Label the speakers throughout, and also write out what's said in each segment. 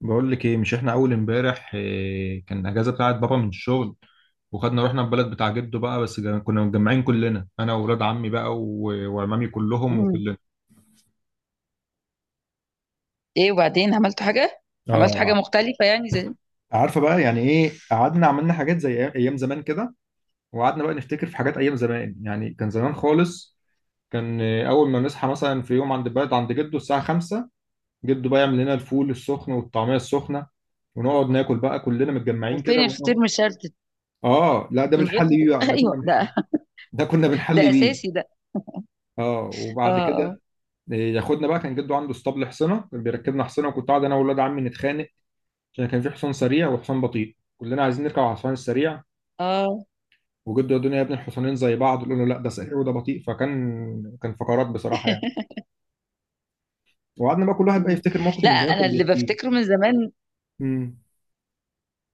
Speaker 1: بقول لك ايه، مش احنا اول امبارح إيه كان اجازه بتاعت بابا من الشغل، وخدنا رحنا البلد بتاع جده بقى. بس كنا متجمعين كلنا، انا واولاد عمي بقى وعمامي كلهم
Speaker 2: مم.
Speaker 1: وكلنا.
Speaker 2: ايه، وبعدين عملتوا حاجه
Speaker 1: اه
Speaker 2: مختلفه يعني زي
Speaker 1: عارفه بقى يعني ايه، قعدنا عملنا حاجات زي ايام زمان كده، وقعدنا بقى نفتكر في حاجات ايام زمان. يعني كان زمان خالص. كان إيه، اول ما نصحى مثلا في يوم عند البلد عند جده الساعه 5، جده بقى يعمل لنا الفول السخن والطعميه السخنه، ونقعد ناكل بقى كلنا متجمعين كده
Speaker 2: وفين الفطير مشلتت،
Speaker 1: اه لا، ده
Speaker 2: من غير
Speaker 1: بنحل بيه
Speaker 2: فطير
Speaker 1: بقى، ده
Speaker 2: ايوه
Speaker 1: كنا،
Speaker 2: ده،
Speaker 1: ده كنا
Speaker 2: ده
Speaker 1: بنحلي بيه.
Speaker 2: اساسي ده.
Speaker 1: اه
Speaker 2: اه،
Speaker 1: وبعد
Speaker 2: اه،
Speaker 1: كده ياخدنا بقى. كان جده عنده اسطبل حصنه، كان بيركبنا حصنه، وكنت قاعد انا واولاد عمي نتخانق عشان كان في حصان سريع وحصان بطيء، كلنا عايزين نركب على الحصان السريع،
Speaker 2: اه.
Speaker 1: وجده يا الدنيا يا ابن الحصانين زي بعض، يقول له لا ده سريع وده بطيء. فكان فقرات بصراحه يعني. وقعدنا بقى كل واحد بقى
Speaker 2: مم.
Speaker 1: يفتكر موقف
Speaker 2: لا،
Speaker 1: من زمان
Speaker 2: انا
Speaker 1: كان
Speaker 2: اللي
Speaker 1: بيحكيه.
Speaker 2: بفتكره من زمان
Speaker 1: امم.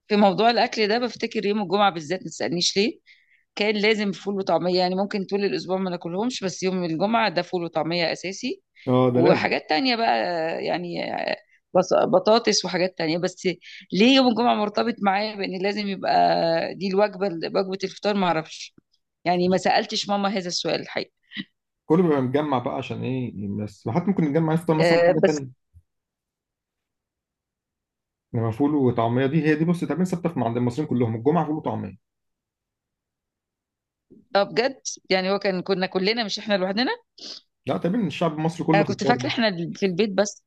Speaker 2: في موضوع الاكل ده بفتكر يوم الجمعه بالذات، ما تسالنيش ليه كان لازم فول وطعميه. يعني ممكن طول الاسبوع ما ناكلهمش، بس يوم الجمعه ده فول وطعميه اساسي.
Speaker 1: اه ده لازم.
Speaker 2: وحاجات تانية بقى، يعني بطاطس وحاجات تانية بس. ليه يوم الجمعه مرتبط معايا بان لازم يبقى دي الوجبه، وجبه الفطار، ما اعرفش؟ يعني ما سالتش ماما هذا السؤال الحقيقه.
Speaker 1: كله بيبقى متجمع بقى عشان ايه؟ بس وحتى ممكن نتجمع نفطر مثلا
Speaker 2: أه
Speaker 1: حاجه
Speaker 2: بس.
Speaker 1: ثانيه، انما فول وطعميه دي هي دي، بص، تقريبا ثابته عند المصريين كلهم، الجمعه فول وطعميه.
Speaker 2: اه بجد. يعني هو كنا كلنا، مش احنا لوحدنا.
Speaker 1: لا، تقريبا الشعب المصري
Speaker 2: انا
Speaker 1: كله في
Speaker 2: كنت
Speaker 1: الحوار
Speaker 2: فاكره
Speaker 1: ده.
Speaker 2: احنا في البيت بس.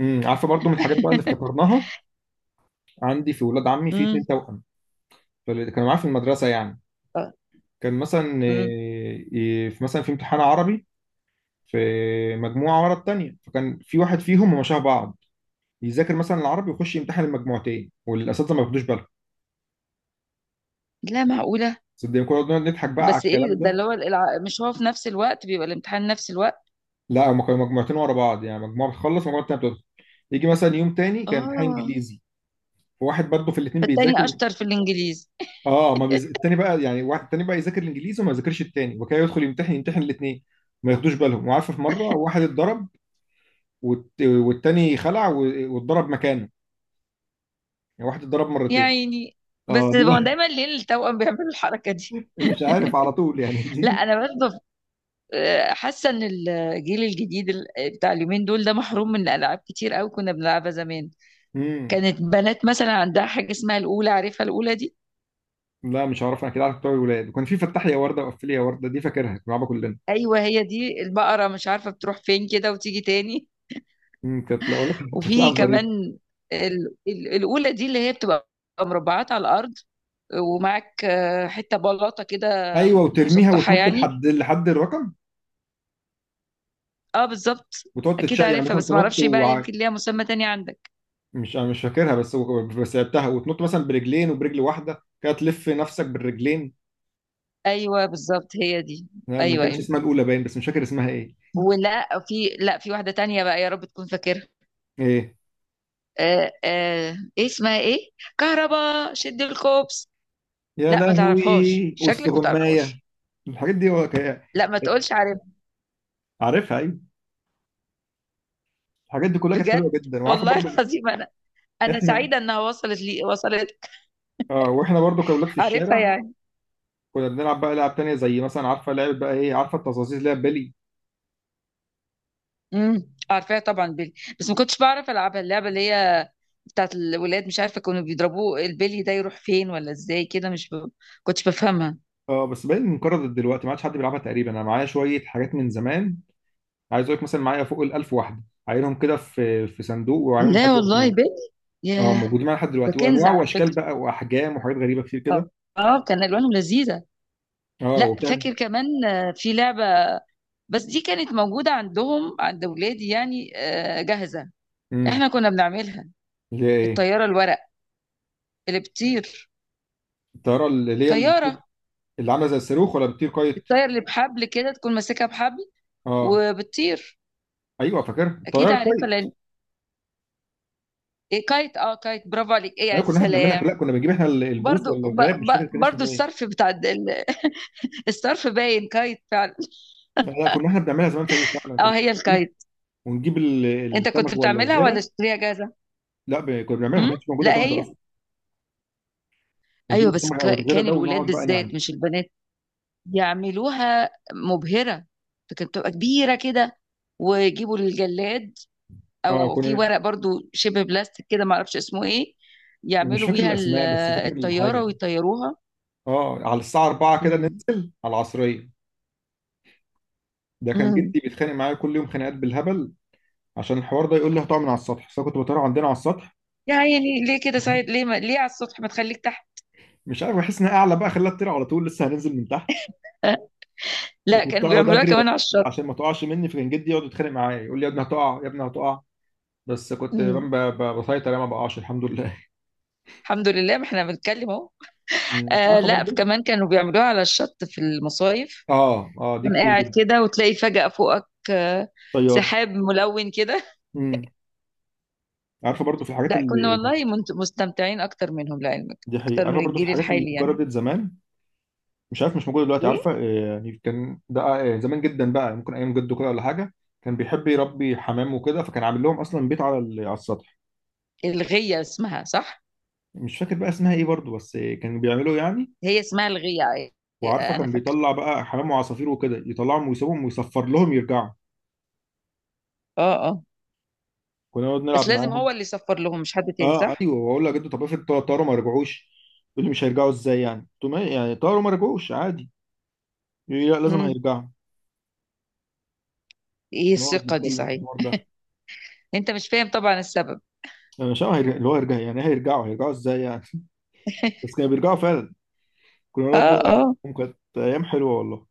Speaker 1: امم. عارفه برضو من الحاجات بقى اللي افتكرناها، عندي في ولاد عمي في اتنين
Speaker 2: امم.
Speaker 1: توأم، فاللي كانوا معايا في المدرسه يعني، كان مثلا
Speaker 2: امم.
Speaker 1: إيه، إيه، في مثلا في امتحان عربي، في مجموعه ورا التانيه، فكان في واحد فيهم، هما شبه بعض، يذاكر مثلا العربي ويخش يمتحن المجموعتين والاساتذه ما ياخدوش بالهم.
Speaker 2: لا معقوله.
Speaker 1: صدقني كنا بنقعد نضحك بقى على
Speaker 2: بس ايه
Speaker 1: الكلام
Speaker 2: ده
Speaker 1: ده.
Speaker 2: اللي هو مش هو في نفس الوقت بيبقى الامتحان نفس الوقت؟
Speaker 1: لا، هما كانوا مجموعتين ورا بعض، يعني مجموعه بتخلص ومجموعه تانيه بتدخل. يجي مثلا يوم تاني كان امتحان
Speaker 2: اه،
Speaker 1: انجليزي، فواحد برضه في الاثنين بيذاكر.
Speaker 2: فالتاني اشطر في الانجليزي.
Speaker 1: اه ما بيز... التاني بقى، يعني واحد التاني بقى يذاكر الانجليزي وما يذاكرش التاني، وكده يدخل يمتحن الاثنين، ما ياخدوش بالهم. وعارفه في مره واحد اتضرب، والتاني خلع واتضرب مكانه، يعني واحد اتضرب
Speaker 2: يا
Speaker 1: مرتين.
Speaker 2: عيني.
Speaker 1: اه
Speaker 2: بس
Speaker 1: دي
Speaker 2: هو
Speaker 1: بقى.
Speaker 2: دايما ليه التوأم بيعملوا الحركه دي؟
Speaker 1: مش عارف على طول يعني
Speaker 2: لا
Speaker 1: دي.
Speaker 2: انا برضه حاسه ان الجيل الجديد بتاع اليومين دول ده محروم من العاب كتير قوي كنا بنلعبها زمان.
Speaker 1: امم.
Speaker 2: كانت بنات مثلا عندها حاجه اسمها الاولى، عارفها الاولى دي؟
Speaker 1: لا مش عارف، انا كده عارف بتوع الولاد، وكان في فتح لي يا ورده وقفل لي يا ورده، دي فاكرها، كنا بنلعبها كلنا.
Speaker 2: ايوه، هي دي البقره، مش عارفه بتروح فين كده وتيجي تاني.
Speaker 1: امم، كانت، لا والله كانت
Speaker 2: وفي
Speaker 1: لعبه ظريفه.
Speaker 2: كمان الأولى دي اللي هي بتبقى مربعات على الأرض، ومعاك حتة بلاطة كده،
Speaker 1: ايوه، وترميها
Speaker 2: مسطحة
Speaker 1: وتنط
Speaker 2: يعني.
Speaker 1: لحد الرقم،
Speaker 2: اه بالظبط.
Speaker 1: وتقعد
Speaker 2: أكيد
Speaker 1: تتشق يعني
Speaker 2: عارفها،
Speaker 1: مثلا
Speaker 2: بس
Speaker 1: تنط.
Speaker 2: معرفش بقى، يمكن ليها مسمى تاني عندك.
Speaker 1: مش فاكرها، بس بس لعبتها، وتنط مثلا برجلين وبرجل واحده كده، تلف نفسك بالرجلين.
Speaker 2: أيوه بالظبط، هي دي.
Speaker 1: لا، ما
Speaker 2: أيوه،
Speaker 1: كانش
Speaker 2: أيوه.
Speaker 1: اسمها الاولى باين، بس مش فاكر اسمها ايه.
Speaker 2: ولا في، لا، في واحدة تانية بقى، يا رب تكون فاكرها.
Speaker 1: ايه؟
Speaker 2: إيه اسمها إيه؟ كهربا شد الكوبس.
Speaker 1: يا
Speaker 2: لا ما تعرفهاش،
Speaker 1: لهوي،
Speaker 2: شكلك ما
Speaker 1: والسغمايه،
Speaker 2: تعرفهاش.
Speaker 1: الحاجات دي
Speaker 2: لا ما تقولش عارف.
Speaker 1: عارفها ايوه. الحاجات دي كلها كانت
Speaker 2: بجد؟
Speaker 1: حلوه جدا. وعارفه
Speaker 2: والله
Speaker 1: برضو
Speaker 2: العظيم أنا. انا
Speaker 1: احنا،
Speaker 2: سعيده انها وصلت لي، وصلت.
Speaker 1: اه واحنا برضو كاولاد في
Speaker 2: عارفها
Speaker 1: الشارع،
Speaker 2: يعني.
Speaker 1: كنا بنلعب بقى لعب تانية، زي مثلا عارفه لعبه بقى ايه، عارفه التظاظيز اللي هي بلي.
Speaker 2: عارفاها طبعا، بيلي. بس ما كنتش بعرف العبها، اللعبه اللي هي بتاعت الولاد، مش عارفه كانوا بيضربوه البلي ده يروح فين ولا ازاي كده، مش كنتش بفهمها.
Speaker 1: اه بس باين انقرضت دلوقتي، ما عادش حد بيلعبها تقريبا. انا معايا شويه حاجات من زمان، عايز اقول لك مثلا معايا فوق ال 1000 واحده، عاينهم كده في في صندوق وعاينهم لحد
Speaker 2: لا
Speaker 1: دلوقتي
Speaker 2: والله، بلي.
Speaker 1: اه
Speaker 2: ياه.
Speaker 1: موجودين معايا لحد
Speaker 2: ده
Speaker 1: دلوقتي،
Speaker 2: كنز
Speaker 1: وانواع
Speaker 2: على
Speaker 1: واشكال
Speaker 2: فكره.
Speaker 1: بقى واحجام وحاجات غريبه كتير كده.
Speaker 2: اه، كان الوانهم لذيذه.
Speaker 1: اه
Speaker 2: لا
Speaker 1: وبتاع.
Speaker 2: فاكر كمان، في لعبه، بس دي كانت موجوده عندهم عند ولادي يعني جاهزه.
Speaker 1: امم،
Speaker 2: احنا كنا بنعملها.
Speaker 1: اللي هي ايه؟
Speaker 2: الطياره الورق اللي بتطير.
Speaker 1: الطياره اللي اللي هي،
Speaker 2: طياره،
Speaker 1: اللي عامله زي الصاروخ ولا بتطير كايت؟
Speaker 2: الطياره اللي بحبل كده، تكون ماسكها بحبل
Speaker 1: اه
Speaker 2: وبتطير.
Speaker 1: ايوه، فاكر
Speaker 2: اكيد
Speaker 1: الطياره
Speaker 2: عارفها
Speaker 1: كايت.
Speaker 2: لان إيه، كايت، كايت، برافو عليك. ايه
Speaker 1: لا
Speaker 2: يعني،
Speaker 1: كنا احنا بنعملها، لا
Speaker 2: سلام.
Speaker 1: كنا بنجيب احنا البوص
Speaker 2: برضو
Speaker 1: ولا الغاب، مش فاكر كان
Speaker 2: برضو
Speaker 1: اسمه ايه.
Speaker 2: الصرف بتاع الصرف باين كايت فعلا.
Speaker 1: لا لا، كنا احنا بنعملها زمان في اي، فعلا كنا
Speaker 2: اه هي
Speaker 1: بنجيب-
Speaker 2: الكايت.
Speaker 1: ونجيب
Speaker 2: انت كنت
Speaker 1: السمك ولا
Speaker 2: بتعملها ولا
Speaker 1: الغيره.
Speaker 2: اشتريها جاهزه؟
Speaker 1: لا كنا بنعملها، ما
Speaker 2: امم.
Speaker 1: كانتش موجوده
Speaker 2: لا
Speaker 1: جاهزه
Speaker 2: هي.
Speaker 1: اصلا. ونجيب
Speaker 2: ايوه بس
Speaker 1: السمك او الغيره
Speaker 2: كان
Speaker 1: ده، ونقعد
Speaker 2: الولاد
Speaker 1: بقى نعمل.
Speaker 2: بالذات مش البنات يعملوها مبهره، فكانت بتبقى كبيره كده، ويجيبوا الجلاد،
Speaker 1: اه
Speaker 2: او في
Speaker 1: كنا،
Speaker 2: ورق برضو شبه بلاستيك كده، معرفش اسمه ايه،
Speaker 1: مش
Speaker 2: يعملوا
Speaker 1: فاكر
Speaker 2: بيها
Speaker 1: الاسماء بس فاكر
Speaker 2: الطياره
Speaker 1: الحاجه.
Speaker 2: ويطيروها.
Speaker 1: اه على الساعه 4 كده ننزل على العصريه، ده كان
Speaker 2: امم.
Speaker 1: جدي بيتخانق معايا كل يوم خناقات بالهبل عشان الحوار ده، يقول لي هتقع من على السطح، بس أنا كنت بطير عندنا على السطح.
Speaker 2: يعني ليه كده صحيح، ليه ما... ليه على السطح، ما تخليك تحت؟
Speaker 1: مش عارف، بحس ان أنا اعلى بقى، خلاها تطير على طول، لسه هننزل من تحت.
Speaker 2: آه. لا
Speaker 1: وكنت
Speaker 2: كانوا
Speaker 1: اقعد
Speaker 2: بيعملوها
Speaker 1: اجري
Speaker 2: كمان على الشط.
Speaker 1: عشان ما تقعش مني، فكان جدي يقعد يتخانق معايا يقول لي يا ابني هتقع، يا ابني هتقع. بس كنت
Speaker 2: مم.
Speaker 1: بسيطر يعني، ما بقعش الحمد لله.
Speaker 2: الحمد لله ما احنا بنتكلم اهو.
Speaker 1: أمم. عارفه
Speaker 2: لا
Speaker 1: برضو،
Speaker 2: كمان كانوا بيعملوها على الشط في المصايف.
Speaker 1: اه اه دي
Speaker 2: تكون
Speaker 1: كتير
Speaker 2: قاعد
Speaker 1: جدا،
Speaker 2: كده وتلاقي فجأة فوقك
Speaker 1: طيار.
Speaker 2: سحاب ملون كده.
Speaker 1: امم. عارفه برضو في الحاجات
Speaker 2: لا كنا
Speaker 1: اللي،
Speaker 2: والله مستمتعين اكتر منهم لعلمك،
Speaker 1: دي حقيقة.
Speaker 2: اكتر
Speaker 1: عارفه
Speaker 2: من
Speaker 1: برضو في
Speaker 2: الجيل
Speaker 1: الحاجات اللي
Speaker 2: الحالي يعني.
Speaker 1: اتجربت زمان، مش عارف مش موجود دلوقتي.
Speaker 2: ايه
Speaker 1: عارفه آه، يعني كان ده آه، زمان جدا بقى، ممكن ايام جده كده ولا حاجه، كان بيحب يربي حمام وكده، فكان عامل لهم اصلا بيت على على السطح.
Speaker 2: الغية اسمها، صح؟
Speaker 1: مش فاكر بقى اسمها ايه برضو، بس آه، كانوا بيعملوا يعني.
Speaker 2: هي اسمها الغية.
Speaker 1: وعارفه
Speaker 2: انا
Speaker 1: كان
Speaker 2: فاكرة.
Speaker 1: بيطلع بقى حمام وعصافير وكده، يطلعهم ويسيبهم ويصفر لهم يرجعوا.
Speaker 2: اه، اه.
Speaker 1: كنا نقعد
Speaker 2: بس
Speaker 1: نلعب
Speaker 2: لازم هو
Speaker 1: معاهم.
Speaker 2: اللي يصفر لهم، مش حد تاني
Speaker 1: اه
Speaker 2: صح؟
Speaker 1: ايوه، واقول له يا جدو طب افرض طاروا ما رجعوش، يقول لي مش هيرجعوا ازاي يعني. قلت له يعني طاروا ما رجعوش عادي، يقول لي لا، لازم
Speaker 2: امم.
Speaker 1: هيرجعوا.
Speaker 2: ايه
Speaker 1: نقعد
Speaker 2: الثقة دي
Speaker 1: نتكلم في
Speaker 2: صحيح.
Speaker 1: الحوار ده،
Speaker 2: انت مش فاهم طبعا السبب.
Speaker 1: انا مش عارف اللي هو يرجع يعني إيه، هيرجعوا، هيرجعوا ازاي يعني. بس كانوا بيرجعوا فعلا، كنا نقعد
Speaker 2: اه،
Speaker 1: نلعب
Speaker 2: اه.
Speaker 1: معاهم، كانت ايام حلوه والله.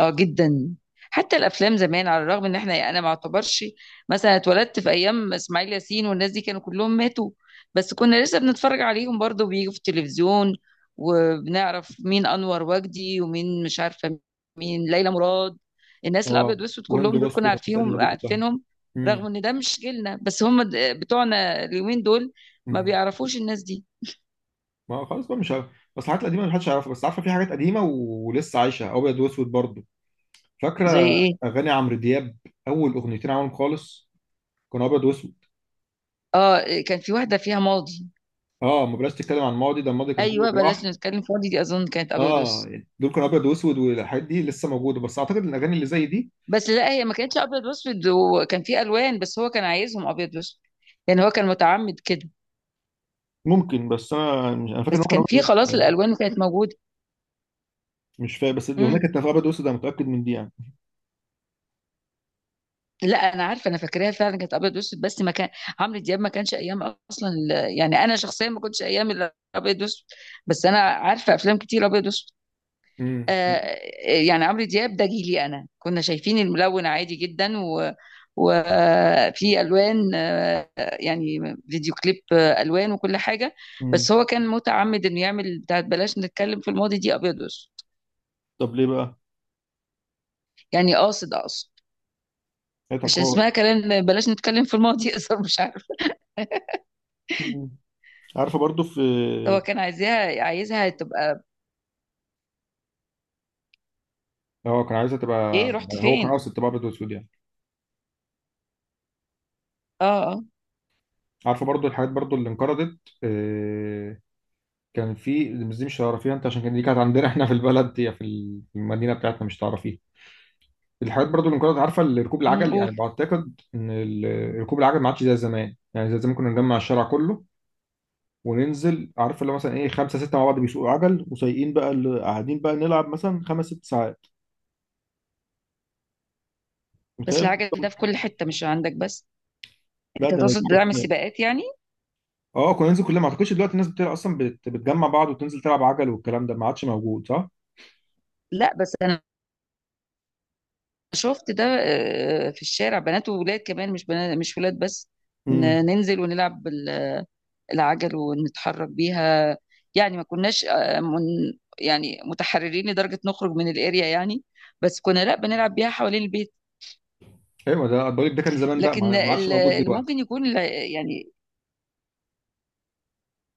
Speaker 2: اه جدا. حتى الافلام زمان، على الرغم ان انا ما اعتبرش مثلا اتولدت في ايام اسماعيل ياسين والناس دي كانوا كلهم ماتوا، بس كنا لسه بنتفرج عليهم برضو بيجوا في التلفزيون. وبنعرف مين انور وجدي ومين مش عارفه، مين ليلى مراد. الناس
Speaker 1: اه
Speaker 2: الابيض واسود
Speaker 1: وهند
Speaker 2: كلهم دول
Speaker 1: رستم
Speaker 2: كنا
Speaker 1: والناس القديمه دي كلها.
Speaker 2: عارفينهم.
Speaker 1: امم.
Speaker 2: رغم ان ده مش جيلنا، بس هم بتوعنا اليومين دول ما
Speaker 1: امم.
Speaker 2: بيعرفوش الناس دي.
Speaker 1: ما خلاص بقى مش عارف، بس الحاجات القديمه محدش يعرفها. بس عارفه في حاجات قديمه ولسه عايشه ابيض واسود برضه،
Speaker 2: زي
Speaker 1: فاكره
Speaker 2: ايه؟
Speaker 1: اغاني عمرو دياب، اول اغنيتين عملهم خالص كانوا ابيض واسود.
Speaker 2: اه كان في واحده فيها ماضي.
Speaker 1: اه، ما بلاش تتكلم عن الماضي، ده الماضي كان كله
Speaker 2: ايوه، بلاش
Speaker 1: جراح.
Speaker 2: نتكلم فاضي، دي اظن كانت ابيض
Speaker 1: اه
Speaker 2: واسود.
Speaker 1: يعني دول كانوا ابيض واسود، والحاجات دي لسه موجوده، بس اعتقد إن الاغاني اللي زي دي،
Speaker 2: بس لا، هي ما كانتش ابيض واسود، وكان في الوان، بس هو كان عايزهم ابيض واسود. يعني هو كان متعمد كده.
Speaker 1: ممكن. بس انا مش انا فاكر ان
Speaker 2: بس
Speaker 1: هو كان
Speaker 2: كان
Speaker 1: ابيض
Speaker 2: في
Speaker 1: واسود
Speaker 2: خلاص
Speaker 1: يعني.
Speaker 2: الالوان وكانت موجوده.
Speaker 1: مش فاهم، بس الاغنيه
Speaker 2: امم.
Speaker 1: كانت ابيض واسود، انا متاكد من دي يعني.
Speaker 2: لا انا عارفه، انا فاكراها فعلا كانت ابيض واسود. بس ما كان عمرو دياب ما كانش ايام، اصلا يعني انا شخصيا ما كنتش ايام الابيض واسود. بس انا عارفه افلام كتير ابيض واسود. آه، يعني عمرو دياب ده جيلي انا، كنا شايفين الملون عادي جدا، و وفي الوان يعني فيديو كليب الوان وكل حاجه. بس
Speaker 1: امم.
Speaker 2: هو كان متعمد انه يعمل بتاعت بلاش نتكلم في الماضي دي ابيض واسود.
Speaker 1: طب ليه بقى؟
Speaker 2: يعني اقصد
Speaker 1: هي
Speaker 2: عشان
Speaker 1: تقاعد.
Speaker 2: اسمها كلام بلاش نتكلم في الماضي يقصر، مش عارف.
Speaker 1: مم. عارفه برضو في،
Speaker 2: هو كان عايزها تبقى.
Speaker 1: هو كان عايزها تبقى،
Speaker 2: ايه رحت
Speaker 1: هو كان
Speaker 2: فين؟
Speaker 1: قاصد تبقى ابيض واسود يعني.
Speaker 2: اه، اه.
Speaker 1: عارفه برضو الحاجات برضو اللي انقرضت، آه، كان في، بس دي مش هتعرفيها انت، عشان كان دي كانت عندنا، احنا في البلد، هي في المدينه بتاعتنا مش هتعرفيها. الحاجات برضو اللي انقرضت عارفه، اللي ركوب العجل، يعني
Speaker 2: قول.
Speaker 1: بعتقد ان ركوب العجل ما عادش زي زمان، يعني زي زمان كنا نجمع الشارع كله وننزل، عارفه اللي هو مثلا ايه، خمسه سته مع بعض بيسوقوا عجل، وسايقين بقى، اللي قاعدين بقى نلعب مثلا خمس ست ساعات. متهيألي
Speaker 2: بس العجل ده في
Speaker 1: دي-
Speaker 2: كل حته، مش عندك بس.
Speaker 1: لا
Speaker 2: انت
Speaker 1: ده
Speaker 2: تقصد دعم
Speaker 1: حاجه.
Speaker 2: السباقات يعني.
Speaker 1: اه كنا ننزل كلنا، ما اعتقدش دلوقتي الناس بتلعب اصلا، بتجمع بعض وتنزل تلعب عجل، والكلام ده ما عادش موجود، صح؟
Speaker 2: لا بس انا شفت ده في الشارع بنات وولاد كمان، مش بنات مش ولاد بس.
Speaker 1: امم.
Speaker 2: ننزل ونلعب العجل ونتحرك بيها. يعني ما كناش من يعني متحررين لدرجة نخرج من الاريا يعني، بس كنا لا بنلعب بيها حوالين البيت.
Speaker 1: ايوه ده بقول لك، ده كان زمان بقى،
Speaker 2: لكن
Speaker 1: ما عادش موجود
Speaker 2: اللي ممكن
Speaker 1: دلوقتي.
Speaker 2: يكون يعني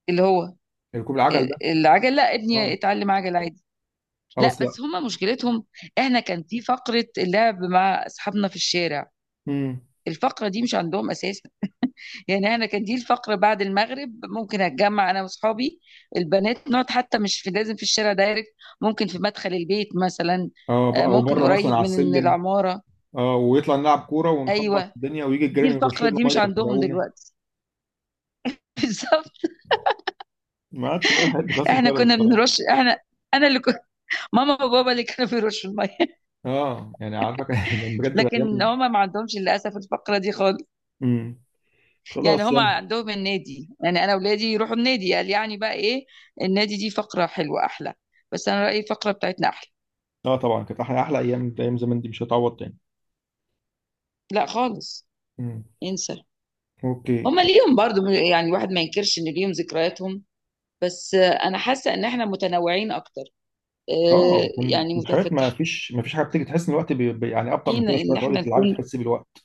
Speaker 2: اللي هو
Speaker 1: ركوب العجل ده.
Speaker 2: العجل، لا ابني
Speaker 1: اه
Speaker 2: اتعلم عجل عادي.
Speaker 1: اه،
Speaker 2: لا
Speaker 1: بس لا.
Speaker 2: بس هما مشكلتهم. احنا كان في فقرة اللعب مع اصحابنا في الشارع.
Speaker 1: امم.
Speaker 2: الفقرة دي مش عندهم اساسا. يعني انا كان دي الفقرة بعد المغرب ممكن اتجمع انا واصحابي البنات، نقعد حتى مش في لازم في الشارع دايركت، ممكن في مدخل البيت مثلا.
Speaker 1: اه او
Speaker 2: ممكن
Speaker 1: بره مثلا
Speaker 2: قريب
Speaker 1: على
Speaker 2: من
Speaker 1: السلم.
Speaker 2: العمارة.
Speaker 1: اه ويطلع نلعب كوره ونخبط
Speaker 2: ايوه
Speaker 1: الدنيا، ويجي
Speaker 2: دي
Speaker 1: الجيران يرش
Speaker 2: الفقرة
Speaker 1: لنا
Speaker 2: دي مش
Speaker 1: ميه
Speaker 2: عندهم
Speaker 1: يغرقونا.
Speaker 2: دلوقتي. بالظبط.
Speaker 1: ما عادش بقى الحاجات دي، خلاص
Speaker 2: احنا
Speaker 1: انتهت
Speaker 2: كنا
Speaker 1: بصراحه.
Speaker 2: بنرش، احنا انا اللي كنت، ماما وبابا اللي كانوا بيرشوا الميه.
Speaker 1: اه يعني عارفك، كان بجد بقى
Speaker 2: لكن
Speaker 1: ايام.
Speaker 2: هما ما عندهمش للاسف الفقره دي خالص.
Speaker 1: امم.
Speaker 2: يعني
Speaker 1: خلاص
Speaker 2: هما
Speaker 1: يلا.
Speaker 2: عندهم النادي، يعني انا اولادي يروحوا النادي، قال يعني بقى ايه. النادي دي فقره حلوه احلى، بس انا رايي الفقره بتاعتنا احلى.
Speaker 1: اه طبعا كانت احلى، احلى ايام، ايام زمان دي مش هتعوض تاني.
Speaker 2: لا خالص.
Speaker 1: امم.
Speaker 2: ينسى.
Speaker 1: اوكي.
Speaker 2: هما ليهم برضو، يعني الواحد ما ينكرش ان ليهم ذكرياتهم. بس انا حاسه ان احنا متنوعين اكتر،
Speaker 1: اه
Speaker 2: يعني
Speaker 1: الحاجات،
Speaker 2: متفتحين،
Speaker 1: ما فيش حاجه بتيجي، تحس ان الوقت يعني ابطا من كده شويه،
Speaker 2: ان
Speaker 1: تقعدي
Speaker 2: احنا
Speaker 1: تلعبي
Speaker 2: نكون
Speaker 1: تحسي بالوقت.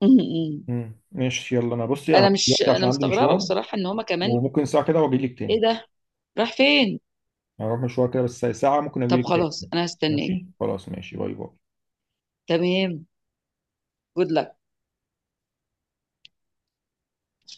Speaker 2: م- م.
Speaker 1: ماشي، يلا انا بصي اهو
Speaker 2: انا مش
Speaker 1: دلوقتي
Speaker 2: انا
Speaker 1: عشان عندي
Speaker 2: مستغربه
Speaker 1: مشوار،
Speaker 2: بصراحه ان هما كمان.
Speaker 1: وممكن ساعه كده واجي لك
Speaker 2: ايه
Speaker 1: تاني.
Speaker 2: ده، راح فين.
Speaker 1: هروح مشوار كده، بس ساعه ممكن اجي
Speaker 2: طب
Speaker 1: لك تاني.
Speaker 2: خلاص انا هستناك.
Speaker 1: ماشي خلاص، ماشي، باي باي.
Speaker 2: تمام. جود لك.